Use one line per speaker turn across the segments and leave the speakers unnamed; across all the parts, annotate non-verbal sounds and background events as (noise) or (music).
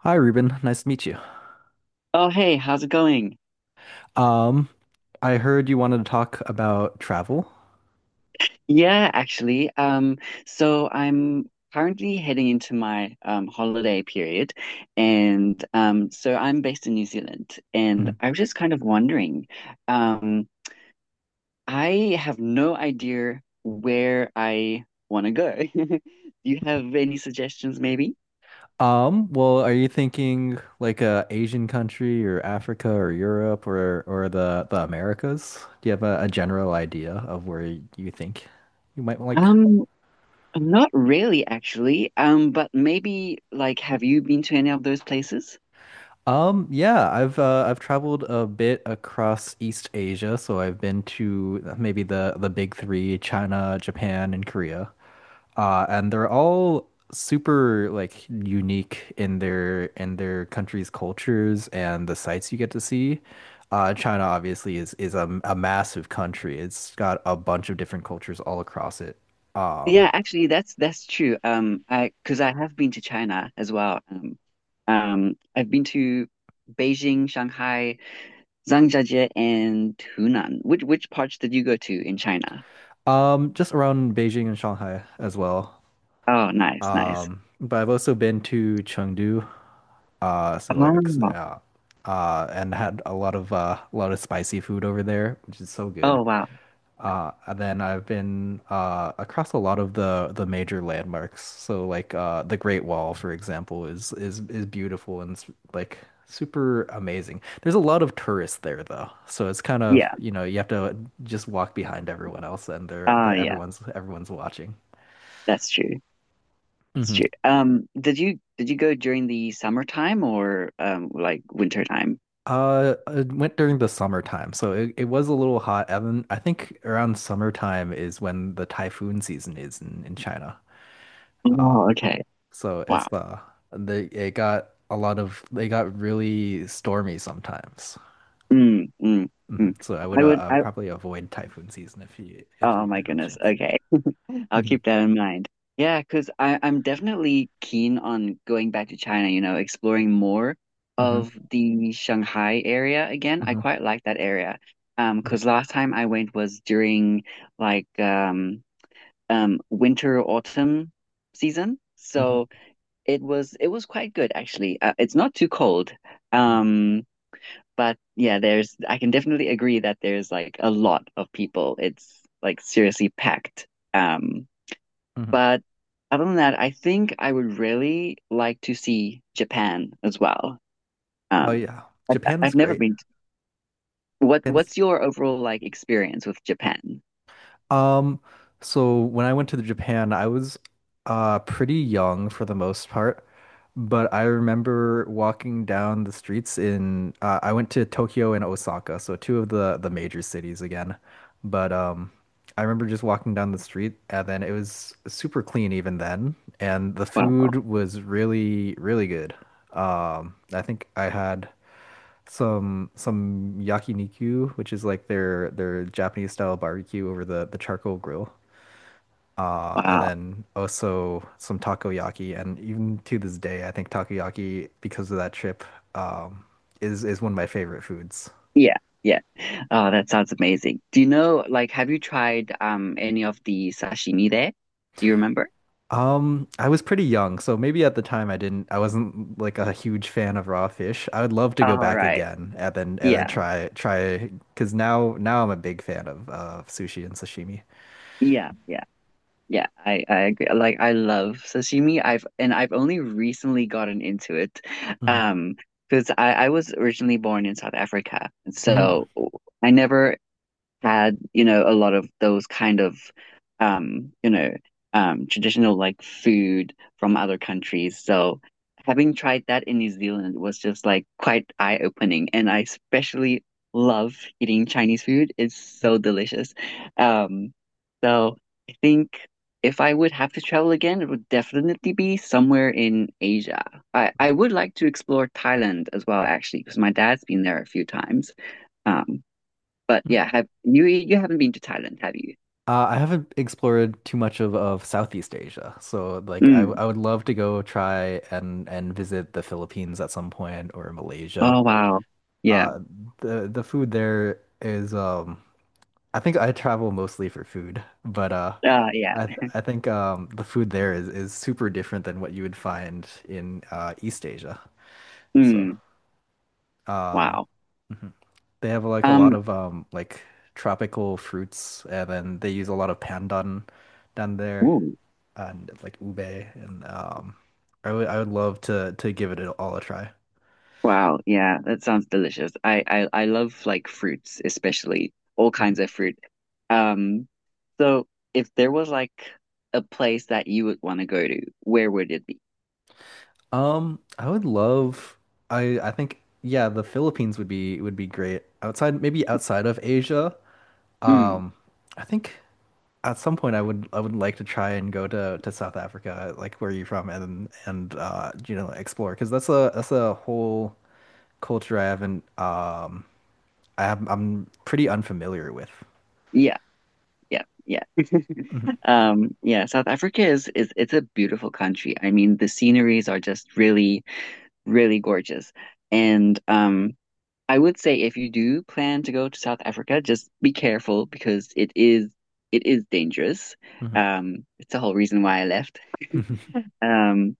Hi, Ruben. Nice to meet you.
Oh, hey, how's it going?
Um, I heard you wanted to talk about travel.
Yeah, actually, so I'm currently heading into my holiday period, and so I'm based in New Zealand, and
Mhm.
I was just kind of wondering, um, I have no idea where I want to go. (laughs) Do you have any suggestions, maybe?
Well, are you thinking like a Asian country or Africa or Europe or the Americas? Do you have a general idea of where you think you might like
Um, Not really, actually. But maybe like, have you been to any of those places?
Yeah, I've traveled a bit across East Asia, so I've been to maybe the big three, China, Japan, and Korea. And they're all super like unique in their country's cultures and the sights you get to see. China obviously is a massive country. It's got a bunch of different cultures all across it. Um,
Yeah, actually, that's true. I because I have been to China as well. I've been to Beijing, Shanghai, Zhangjiajie, and Hunan. Which parts did you go to in China?
just around Beijing and Shanghai as well.
Oh, nice, nice.
But I've also been to Chengdu, uh, so like,
Oh,
uh, and had a lot of spicy food over there, which is so good.
oh wow.
And then I've been across a lot of the major landmarks. So like the Great Wall, for example, is beautiful and it's like super amazing. There's a lot of tourists there though, so it's kind of
Yeah.
you have to just walk behind everyone else, and
Oh,
they're
yeah.
everyone's watching.
That's true. That's true. Did you go during the summertime or like winter time?
It went during the summertime, so it was a little hot. Evan, I think around summertime is when the typhoon season is in China.
Oh,
Um,
okay.
so it's
Wow.
the it got a lot of they got really stormy sometimes.
Mm, mm,
Hmm.
mm.
So I would
I would I,
probably avoid typhoon season if
Oh
you
my
have the
goodness.
chance.
Okay. (laughs) I'll
Hmm.
keep that in mind. Yeah, because I'm definitely keen on going back to China, you know, exploring more
Hmm.
of the Shanghai area again. I
Hmm.
quite like that area. Because last time I went was during like um winter autumn season.
Hmm.
So it was quite good actually. It's not too cold.
Hmm.
Um but yeah, I can definitely agree that there's like a lot of people. It's like seriously packed. Um,
Hmm.
but other than that, I think I would really like to see Japan as well.
Oh
Um,
yeah,
I,
Japan's
I've never
great.
what,
Japan's
what's your overall like experience with Japan?
Um, so when I went to Japan, I was pretty young for the most part, but I remember walking down the streets in I went to Tokyo and Osaka, so two of the major cities again. But I remember just walking down the street and then it was super clean even then, and the
Wow.
food was really, really good. I think I had some yakiniku, which is like their Japanese style barbecue over the charcoal grill. And
Wow.
then also some takoyaki, and even to this day, I think takoyaki, because of that trip, um, is one of my favorite foods.
Yeah. Yeah. Oh, that sounds amazing. Do you know, like, have you tried any of the sashimi there? Do you remember?
I was pretty young, so maybe at the time I wasn't like a huge fan of raw fish. I would love to go
All
back
right.
again and then
Yeah.
try, because now I'm a big fan of sushi and sashimi.
Yeah. Yeah. Yeah, I agree. Like I love sashimi. I've only recently gotten into it.
Hmm.
Um, because I was originally born in South Africa.
Hmm.
So I never had, you know, a lot of those kind of, you know, traditional like food from other countries. So having tried that in New Zealand was just like quite eye-opening. And I especially love eating Chinese food. It's so delicious. Um, so I think if I would have to travel again, it would definitely be somewhere in Asia. I would like to explore Thailand as well, actually, because my dad's been there a few times. Um, but yeah, have you haven't been to Thailand, have you?
I haven't explored too much of Southeast Asia, so like
Mm.
I would love to go try and visit the Philippines at some point or Malaysia.
Oh wow. Yeah.
Uh, the food there is I think I travel mostly for food, but
Yeah.
I think the food there is super different than what you would find in East Asia. So
Mm.
um
Wow.
mhm. They have like a lot
Um
of like tropical fruits and then they use a lot of pandan down there.
ooh,
And like ube and I would love to give it all a try.
wow. Yeah, that sounds delicious. I love like fruits, especially all kinds
Mhm.
of fruit. Um so if there was like a place that you would want to go to, where would it be?
Um, I would love I think yeah, the Philippines would be great. Outside maybe outside of Asia.
Mm.
Um, I think at some point I would like to try and go to South Africa, like where you're from and explore because that's a whole culture I haven't I'm pretty unfamiliar with.
Yeah. Yeah. Yeah. (laughs)
Mhm.
Yeah, South Africa is it's a beautiful country. I mean, the sceneries are just really really gorgeous. And I would say if you do plan to go to South Africa, just be careful because it is dangerous.
Mhm.
It's the whole reason why I left.
(laughs) Mhm.
Um,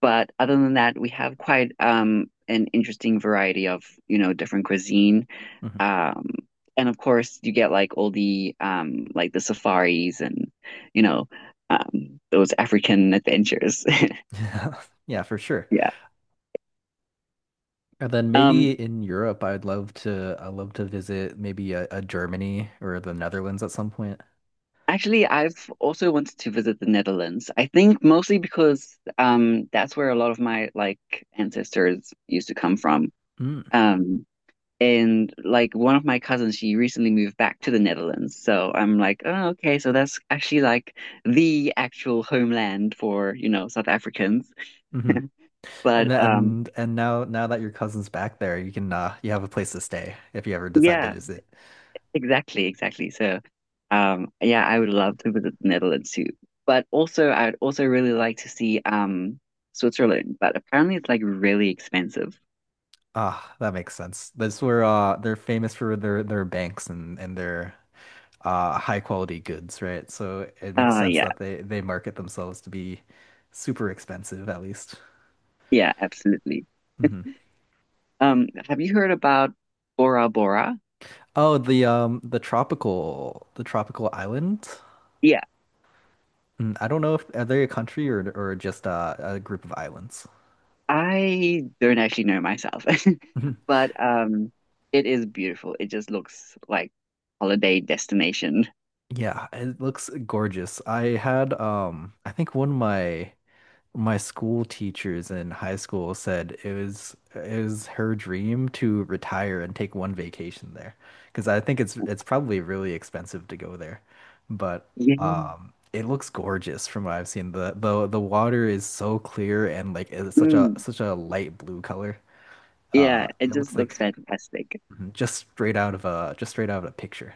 but other than that, we have quite an interesting variety of, you know, different cuisine.
Mhm.
Um, and of course you get like all the like the safaris and, you know, those African adventures. (laughs)
(laughs) Yeah, for sure.
Yeah.
And then maybe
Um,
in Europe, I'd love to visit maybe a Germany or the Netherlands at some point.
Actually, I've also wanted to visit the Netherlands. I think mostly because that's where a lot of my like ancestors used to come from.
Mm.
Um and like one of my cousins, she recently moved back to the Netherlands. So I'm like, oh, okay, so that's actually like the actual homeland for, you know, South Africans.
Hmm. And,
But
and now that your cousin's back there, you can you have a place to stay if you ever decide to
yeah.
visit.
Exactly, exactly. So, yeah, I would love to visit the Netherlands too. But also, I'd also really like to see Switzerland, but apparently it's like really expensive.
Ah, that makes sense. That's where they're famous for their banks and their high quality goods, right? So it makes sense
Yeah,
that they market themselves to be super expensive at least.
yeah, absolutely.
Mhm.
Have you heard about Bora Bora?
Oh, the tropical island.
Yeah,
Mm, I don't know if are they a country or just a group of islands. (laughs)
I don't actually know myself,
Mhm.
(laughs) but it is beautiful. It just looks like holiday destination.
Yeah, it looks gorgeous. I had I think one of my school teachers in high school said it was her dream to retire and take one vacation there because I think it's probably really expensive to go there, but
Yeah.
it looks gorgeous from what I've seen. The water is so clear and like it's such a
Mm,
such a light blue color.
yeah, it
It
just
looks like
looks fantastic.
just straight out of a picture.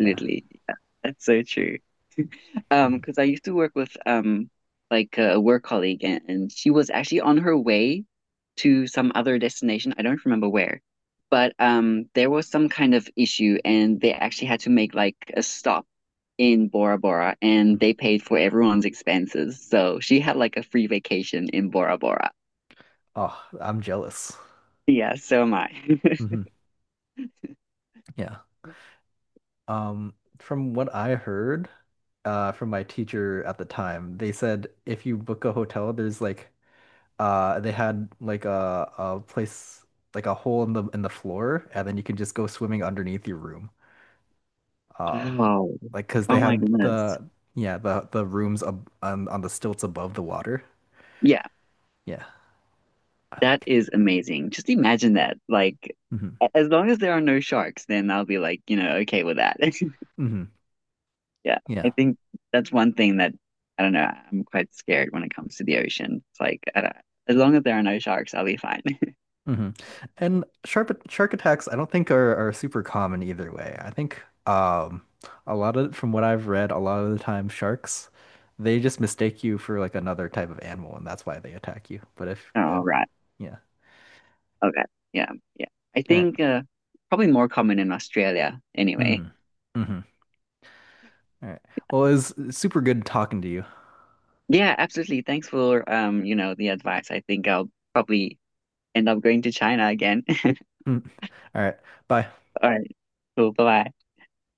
Yeah.
Yeah, that's so true.
Mhm.
Because I used to work with like a work colleague and, she was actually on her way to some other destination. I don't remember where. But there was some kind of issue and they actually had to make like a stop in Bora Bora and they paid for everyone's expenses. So she had like a free vacation in Bora Bora.
Oh, I'm jealous.
Yeah, so am I. (laughs)
Hmm. Yeah. Um, from what I heard, from my teacher at the time. They said if you book a hotel, there's like they had like a place like a hole in the floor, and then you can just go swimming underneath your room. Um,
Wow.
like because they
Oh my
had
goodness.
the yeah the rooms ab on the stilts above the water.
Yeah.
Yeah, I
That
think.
is amazing. Just imagine that. Like,
Hmm.
as long as there are no sharks, then I'll be like, you know, okay with that. (laughs)
Hmm.
Yeah, I
Yeah.
think that's one thing that I don't know. I'm quite scared when it comes to the ocean. It's like, I don't, as long as there are no sharks, I'll be fine.
Hmm. And shark attacks, I don't think are super common either way. I think a lot of from what I've read, a lot of the time sharks they just mistake you for like another type of animal, and that's why they attack you. But
(laughs)
if
All right.
yeah,
Okay. Yeah. Yeah. I
all right,
think probably more common in Australia anyway.
mm-hmm. Mm-hmm. All right. Well, it was super good talking to you.
Yeah, absolutely. Thanks for you know, the advice. I think I'll probably end up going to China again. (laughs)
Mm. All right, bye.
All right. Cool. Bye-bye.